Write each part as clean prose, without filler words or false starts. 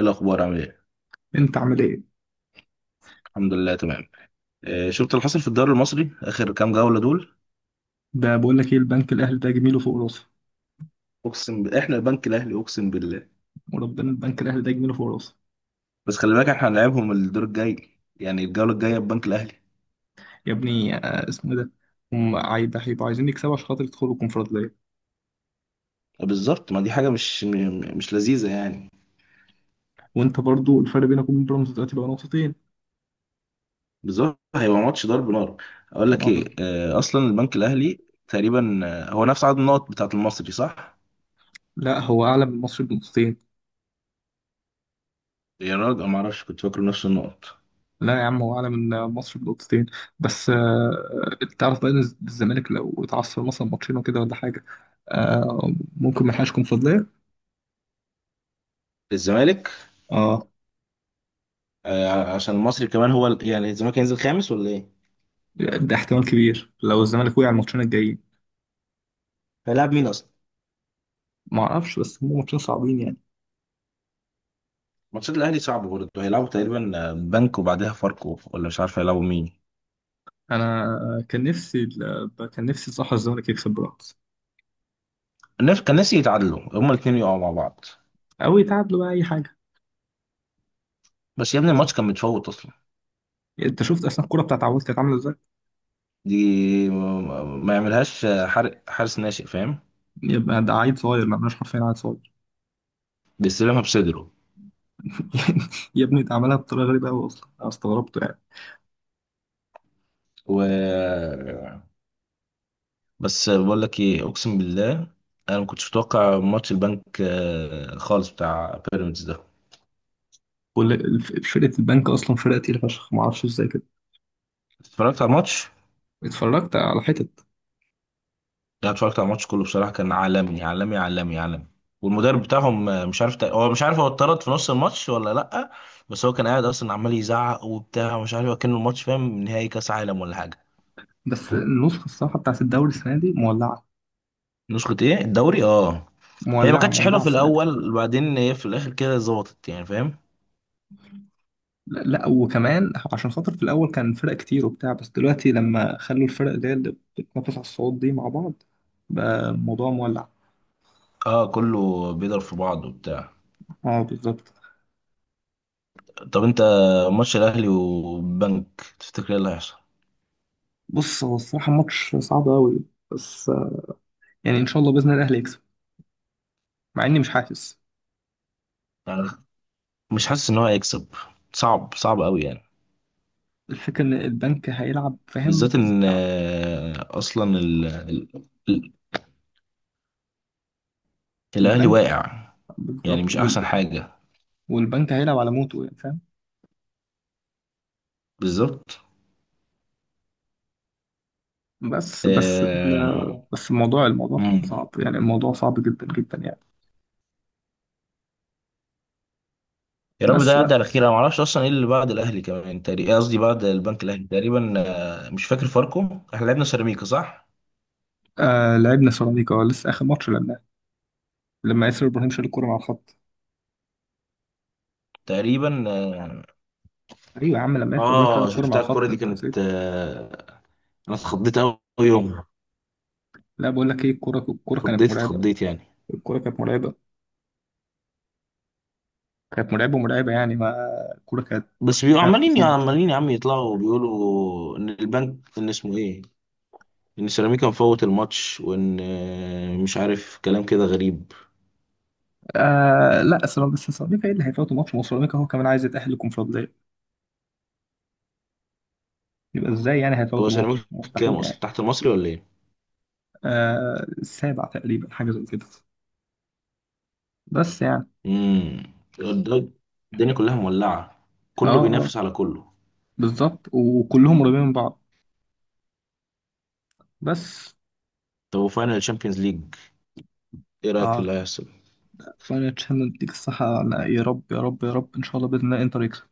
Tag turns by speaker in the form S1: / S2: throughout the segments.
S1: ايه الاخبار؟ عامل ايه؟
S2: انت عامل ايه؟
S1: الحمد لله تمام. آه، شفت اللي حصل في الدوري المصري اخر كام جوله دول؟
S2: ده بقول لك ايه، البنك الاهلي ده جميله فوق راسه.
S1: احنا البنك الاهلي، اقسم بالله.
S2: وربنا البنك الاهلي ده جميله فوق راسه.
S1: بس خلي بالك، احنا هنلعبهم الدور الجاي، يعني الجوله الجايه، البنك الاهلي.
S2: يا ابني آه، اسمه إيه ده؟ ده هيبقوا عايزين يكسبوا عشان خاطر يدخلوا الكونفدراليه.
S1: بالظبط، ما دي حاجه مش لذيذه يعني.
S2: وانت برضو الفرق بينك وبين بيراميدز دلوقتي بقى نقطتين.
S1: بالظبط، هيبقى ماتش ضرب نار. اقول لك
S2: آه،
S1: ايه،
S2: بس-
S1: آه، اصلا البنك الاهلي تقريبا آه، هو نفس عدد النقط بتاعه المصري، صح؟
S2: لا هو اعلى من مصر بنقطتين.
S1: يا راجل، ما اعرفش، كنت فاكره نفس النقط.
S2: لا يا عم، هو اعلى من مصر بنقطتين. بس انت تعرف بقى ان الزمالك لو اتعثر مثلا ماتشين وكده ولا حاجه. آه، ممكن ما يلحقش كونفدراليه.
S1: الزمالك؟
S2: اه،
S1: آه، عشان المصري كمان هو يعني الزمالك هينزل خامس ولا ايه؟
S2: ده احتمال كبير لو الزمالك وقع الماتشين الجايين.
S1: هيلعب مين اصلا؟
S2: ما اعرفش، بس هم ماتشين صعبين يعني.
S1: ماتشات الاهلي صعب برضه، هيلعبوا تقريبا بنك وبعدها فاركو، ولا مش عارف هيلعبوا مين.
S2: انا كان نفسي كان نفسي صح الزمالك يكسب بيراميدز،
S1: الناس كان ناسي يتعادلوا، هما الاثنين يقعوا مع بعض.
S2: او يتعادلوا بقى اي حاجه.
S1: بس يا ابني الماتش كان متفوت اصلا.
S2: انت شفت اصلا الكوره بتاعت عواد كانت عامله ازاي؟
S1: دي، ما يعملهاش، حارس ناشئ، فاهم؟
S2: يبقى ده عيل صغير، ما عملناش حرفيا عيل صغير.
S1: بيستلمها بصدره.
S2: يا ابني، ده عملها بطريقه غريبه قوي، اصلا انا استغربت يعني.
S1: و بس بقول لك ايه، اقسم بالله، انا ما كنتش متوقع ماتش البنك خالص، بتاع بيراميدز ده.
S2: كل فرقه البنك اصلا فرقه تقيله فشخ، ما اعرفش ازاي كده.
S1: اتفرجت على الماتش؟
S2: اتفرجت على حتت.
S1: لا، اتفرجت على الماتش كله بصراحه، كان عالمي عالمي عالمي عالمي. والمدرب بتاعهم آه، مش عارف، هو مش عارف، هو اتطرد في نص الماتش ولا لا؟ بس هو كان قاعد اصلا عمال يزعق وبتاع ومش عارف، كان الماتش فاهم نهائي كاس عالم ولا حاجه.
S2: بس النسخه الصراحه بتاعت الدوري السنه دي مولعه،
S1: نسخه ايه الدوري؟ اه، هي ما
S2: مولعه
S1: كانتش حلوه
S2: مولعه
S1: في
S2: السنه دي.
S1: الاول وبعدين هي في الاخر كده ظبطت يعني، فاهم؟
S2: لا لا، وكمان عشان خاطر في الاول كان فرق كتير وبتاع، بس دلوقتي لما خلوا الفرق اللي هي اللي بتتنافس على الصعود دي مع بعض، بقى الموضوع مولع.
S1: اه، كله بيضرب في بعض وبتاع.
S2: اه بالظبط.
S1: طب انت، ماتش الاهلي وبنك، تفتكر ايه اللي هيحصل؟
S2: بص، هو الصراحه ماتش صعب قوي، بس آه، يعني ان شاء الله باذن الله الاهلي يكسب، مع اني مش حاسس.
S1: يعني مش حاسس ان هو هيكسب. صعب صعب قوي يعني.
S2: الفكره ان البنك هيلعب فاهم.
S1: بالذات ان آه، اصلا ال- الاهلي
S2: البنك،
S1: واقع، يعني
S2: بالظبط.
S1: مش احسن حاجه.
S2: والبنك هيلعب على موته يعني فاهم.
S1: بالظبط.
S2: بس بس ال-
S1: آه،
S2: بس الموضوع، الموضوع
S1: مم.
S2: صعب يعني، الموضوع صعب جدا جدا يعني.
S1: يا رب ده
S2: بس
S1: يعدي
S2: لا.
S1: على خير. انا ما اعرفش اصلا ايه اللي بعد الاهلي، كمان تقريبا، قصدي بعد البنك الاهلي. تقريبا مش فاكر، فاركو. احنا لعبنا سيراميكا، صح؟
S2: آه لعبنا سيراميكا، لسه اخر ماتش لعبنا، لما ياسر ابراهيم شال الكرة مع الخط.
S1: تقريبا اه.
S2: ايوه يا عم، لما ياسر ابراهيم شال
S1: اه،
S2: الكرة مع
S1: شفتها الكرة
S2: الخط
S1: دي،
S2: انت
S1: كانت
S2: نسيت.
S1: آه، انا اتخضيت قوي يومها.
S2: لا بقول لك ايه، الكرة كانت
S1: اتخضيت
S2: مرعبة.
S1: اتخضيت يعني.
S2: الكرة كانت مرعبة، كانت مرعبة مرعبة يعني. ما الكرة كانت
S1: بس بيبقوا
S2: فعلا
S1: عمالين يا
S2: تخض.
S1: عمالين يا عم يطلعوا وبيقولوا ان البنك، ان اسمه ايه، ان سيراميكا مفوت الماتش، وان آه، مش عارف، كلام كده غريب.
S2: آه لا سلام، بس سيراميكا ايه اللي هيفوتوا ماتش؟ ما هو سيراميكا هو كمان عايز يتأهل للكونفدرالية، يبقى ازاي يعني هيفوت
S1: هو
S2: الماتش؟
S1: سيراميكا كام
S2: مستحيل
S1: اصلا
S2: يعني.
S1: تحت المصري ولا ايه؟
S2: آه السابع تقريبا، حاجة زي كده، بس يعني.
S1: امم، ده- الدنيا كلها مولعه،
S2: اه
S1: كله
S2: اه آه،
S1: بينافس على كله.
S2: بالظبط، وكلهم قريبين من بعض. بس
S1: طب وفاينل تشامبيونز ليج، ايه رايك في
S2: اه.
S1: اللي هيحصل؟
S2: فاينل تشامبيونز ليج، الصحة أنا يا رب يا رب يا رب ان شاء الله باذن الله انتر يكسب،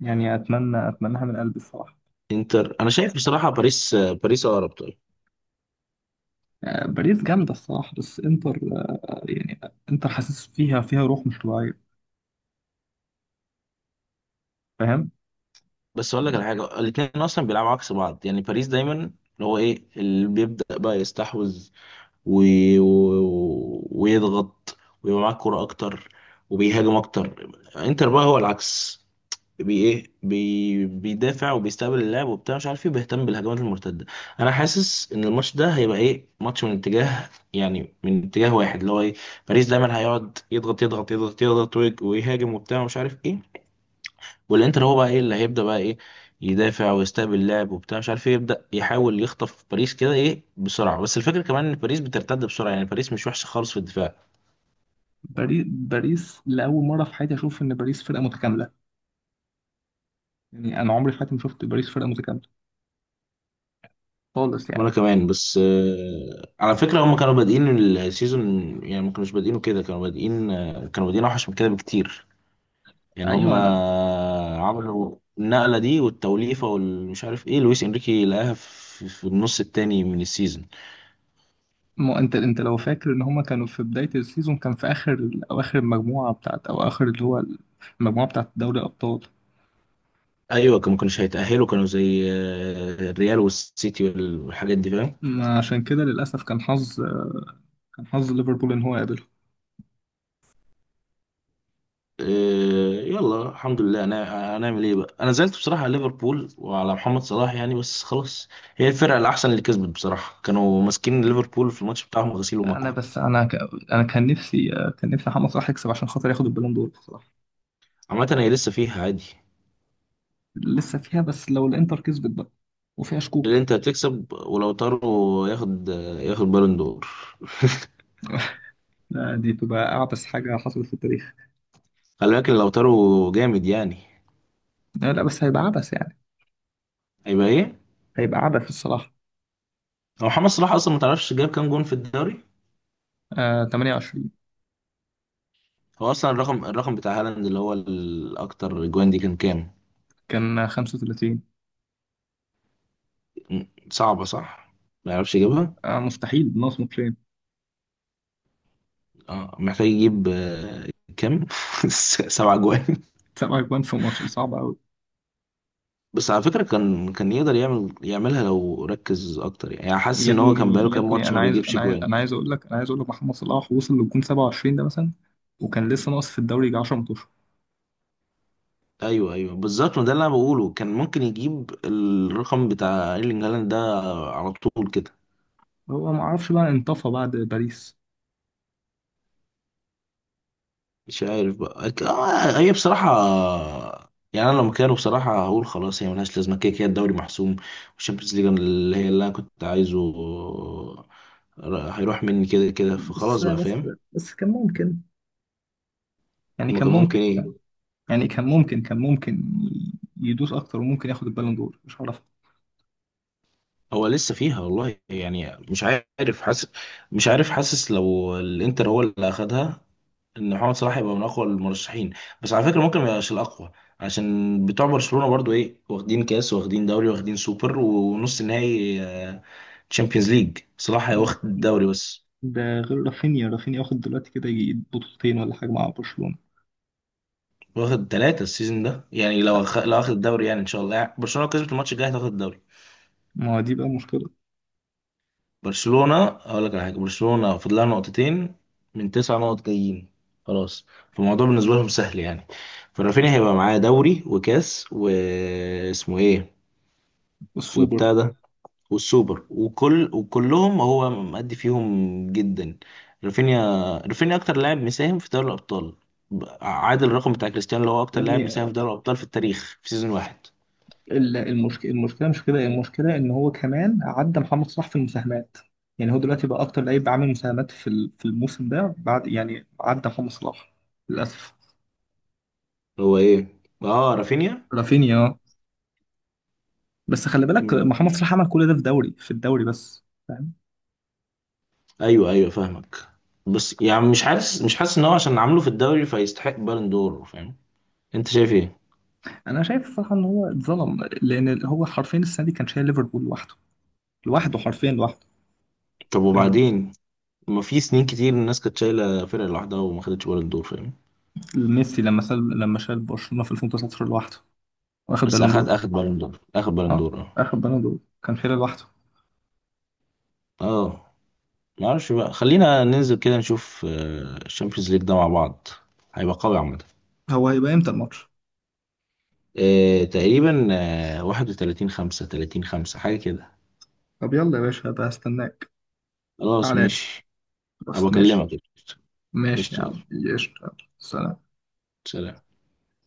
S2: يعني اتمنى اتمناها من قلبي الصراحه.
S1: انتر، انا شايف بصراحه باريس آه، باريس اقرب، طيب.
S2: آه، باريس جامده الصراحه، بس انتر آه، يعني انتر حاسس فيها، فيها روح مش طبيعيه، فاهم.
S1: بس اقول لك على حاجه، الاثنين اصلا بيلعبوا عكس بعض، يعني باريس دايما اللي هو ايه، اللي بيبدا بقى يستحوذ و... ويضغط ويبقى معاك كوره اكتر وبيهاجم اكتر. انتر بقى هو العكس، بي بيدافع وبيستقبل اللاعب وبتاع، مش عارف ايه، بيهتم بالهجمات المرتده. انا حاسس ان الماتش ده هيبقى ايه، ماتش من اتجاه، يعني من اتجاه واحد، اللي هو ايه، باريس دايما هيقعد يضغط يضغط يضغط يضغط ويهاجم وبتاع، مش عارف ايه. والانتر هو بقى ايه، اللي هيبدا بقى ايه، يدافع ويستقبل اللاعب وبتاع، مش عارف ايه، يبدا يحاول يخطف باريس كده ايه، بسرعه. بس الفكره كمان ان باريس بترتد بسرعه، يعني باريس مش وحشه خالص في الدفاع.
S2: باريس، باريس لاول مره في حياتي اشوف ان باريس فرقه متكامله، يعني انا عمري في حياتي ما شفت باريس فرقه متكامله خالص يعني.
S1: وانا كمان، بس آه، على فكرة، هم كانوا بادئين السيزون، يعني ما كانوش بادئينه كده، كانوا بادئين آه، كانوا بادئين اوحش من كده بكتير. يعني هم
S2: ايوه انا.
S1: آه، عملوا النقلة دي والتوليفة والمش عارف ايه، لويس انريكي لقاها في النص التاني من السيزون.
S2: ما انت لو فاكر ان هما كانوا في بدايه السيزون كان في اخر او اخر المجموعه بتاعت، او اخر اللي هو المجموعه بتاعت دوري الابطال.
S1: ايوه، كانوا ما كانوش هيتأهلوا، كانوا زي آه، الريال والسيتي والحاجات دي، فاهم؟
S2: ما عشان كده للاسف كان حظ، كان حظ ليفربول ان هو يقابل.
S1: إيه، يلا الحمد لله، انا هنعمل ايه بقى؟ انا زعلت بصراحه على ليفربول وعلى محمد صلاح يعني، بس خلاص. هي الفرقه الاحسن اللي كسبت بصراحه، كانوا ماسكين ليفربول في الماتش بتاعهم غسيل
S2: انا
S1: ومكوى.
S2: بس انا ك... انا كان نفسي، كان نفسي محمد صلاح يكسب عشان خاطر ياخد البالون دور بصراحه.
S1: عامه هي لسه فيها عادي،
S2: لسه فيها، بس لو الانتر كسبت بقى، وفيها
S1: اللي
S2: شكوك.
S1: انت هتكسب، ولو تارو ياخد، ياخد بالون دور.
S2: لا، دي تبقى اعبث حاجه حصلت في التاريخ.
S1: خلي بالك لو تارو جامد يعني.
S2: لا لا، بس هيبقى عبث يعني،
S1: هيبقى ايه.
S2: هيبقى عبث الصراحه.
S1: هو محمد صلاح اصلا، ما تعرفش جاب كام جون في الدوري؟
S2: آه 28.
S1: هو اصلا الرقم، الرقم بتاع هالاند اللي هو الاكتر جوان دي، كان كام؟
S2: كان 35.
S1: صعبه، صح، ما يعرفش يجيبها.
S2: آه مستحيل ناقص ماتشين.
S1: اه محتاج يجيب آه، كام سبع جوان.
S2: سبع اجوان في ماتش صعب قوي.
S1: بس على فكرة كان، كان يقدر يعمل، يعملها لو ركز اكتر، يعني يعني حاسس
S2: يا
S1: ان هو كان
S2: ابني،
S1: بقاله
S2: يا
S1: كام
S2: ابني،
S1: ماتش
S2: انا
S1: ما
S2: عايز
S1: بيجيبش
S2: انا عايز
S1: جوان.
S2: انا عايز اقول لك انا عايز اقول لك محمد صلاح وصل للجون 27 ده مثلا، وكان لسه ناقص في الدوري يجي 10 ماتشات.
S1: ايوه ايوه، بالظبط، ما ده اللي انا بقوله، كان ممكن يجيب الرقم بتاع ايرلينج هالاند ده على طول كده.
S2: هو ما اعرفش بقى، انطفى بعد باريس.
S1: مش عارف بقى آه، هي بصراحة يعني، انا لو مكانه بصراحة هقول خلاص، هي ملهاش لازمة، كده كده الدوري محسوم، والشامبيونز ليج اللي هي اللي انا كنت عايزه، هيروح مني كده كده،
S2: بس
S1: فخلاص بقى،
S2: بس
S1: فاهم؟
S2: بس كان ممكن، يعني
S1: ما
S2: كان
S1: كان
S2: ممكن،
S1: ممكن ايه.
S2: يعني كان ممكن، كان ممكن يدوس اكتر وممكن ياخد البالون دور، مش هعرف.
S1: هو لسه فيها والله يعني، مش عارف حاسس لو الانتر هو اللي اخدها، ان محمد صلاح يبقى من اقوى المرشحين. بس على فكره ممكن ما يبقاش الاقوى، عشان بتوع برشلونه برضو ايه، واخدين كاس واخدين دوري واخدين سوبر ونص نهائي تشامبيونز ليج، صلاح واخد الدوري بس،
S2: ده غير رافينيا، رافينيا واخد دلوقتي كده يجي بطولتين ولا حاجه مع برشلونه.
S1: واخد ثلاثه السيزون ده، يعني لو لو اخد الدوري، يعني ان شاء الله يعني. برشلونه لو كسبت الماتش الجاي هتاخد الدوري.
S2: ما هو دي بقى مشكله.
S1: برشلونة، هقول لك على حاجة، برشلونة فاضل لها نقطتين من تسع نقط جايين، خلاص، فالموضوع بالنسبة لهم سهل يعني. فرافينيا هيبقى معاه دوري وكاس واسمه ايه
S2: السوبر.
S1: وبتاع ده، والسوبر، وكلهم هو مأدي فيهم جدا، رافينيا. رافينيا أكتر لاعب مساهم في دوري الأبطال، عادل الرقم بتاع كريستيانو، اللي هو
S2: يا
S1: أكتر لاعب
S2: ابني،
S1: مساهم في دوري الأبطال في التاريخ في سيزون واحد.
S2: المشكله، المشكله مش كده، المشكله ان هو كمان عدى محمد صلاح في المساهمات، يعني هو دلوقتي بقى اكتر لعيب عامل مساهمات في في الموسم ده، بعد يعني عدى محمد صلاح للاسف.
S1: هو ايه، اه رافينيا.
S2: رافينيا. بس خلي بالك محمد صلاح عمل كل ده في دوري، في الدوري بس فاهم.
S1: ايوه ايوه، فاهمك. بس يعني مش حاسس ان هو عشان عامله في الدوري فيستحق بالون دور، فاهم؟ انت شايف ايه؟
S2: انا شايف الصراحه ان هو اتظلم، لان هو حرفيا السنه دي كان شايل ليفربول لوحده، لوحده حرفيا لوحده،
S1: طب
S2: فاهم.
S1: وبعدين، ما في سنين كتير الناس كانت شايله فرقه لوحدها وما خدتش بالون دور، فاهم؟
S2: ميسي لما شال برشلونه في 2019 لوحده واخد
S1: بس
S2: بالون
S1: اخد،
S2: دور.
S1: اخد بالون دور، اخد بالون
S2: اه
S1: دور، اه.
S2: اخد بالون دور، كان شايل لوحده.
S1: اه، ما اعرفش بقى، خلينا ننزل كده نشوف الشامبيونز ليج ده مع بعض، هيبقى قوي عامه.
S2: هو هيبقى امتى الماتش؟
S1: آه، تقريبا آه، 31 5 30 5 حاجه كده.
S2: طب يلا يا باشا، هبقى استناك.
S1: خلاص
S2: تعالى لي
S1: ماشي، هبقى
S2: بس،
S1: اكلمك،
S2: ماشي.
S1: قشطة.
S2: ماشي يا
S1: قشطة،
S2: عم.
S1: يلا.
S2: قشطة يلا. سلام.
S1: سلام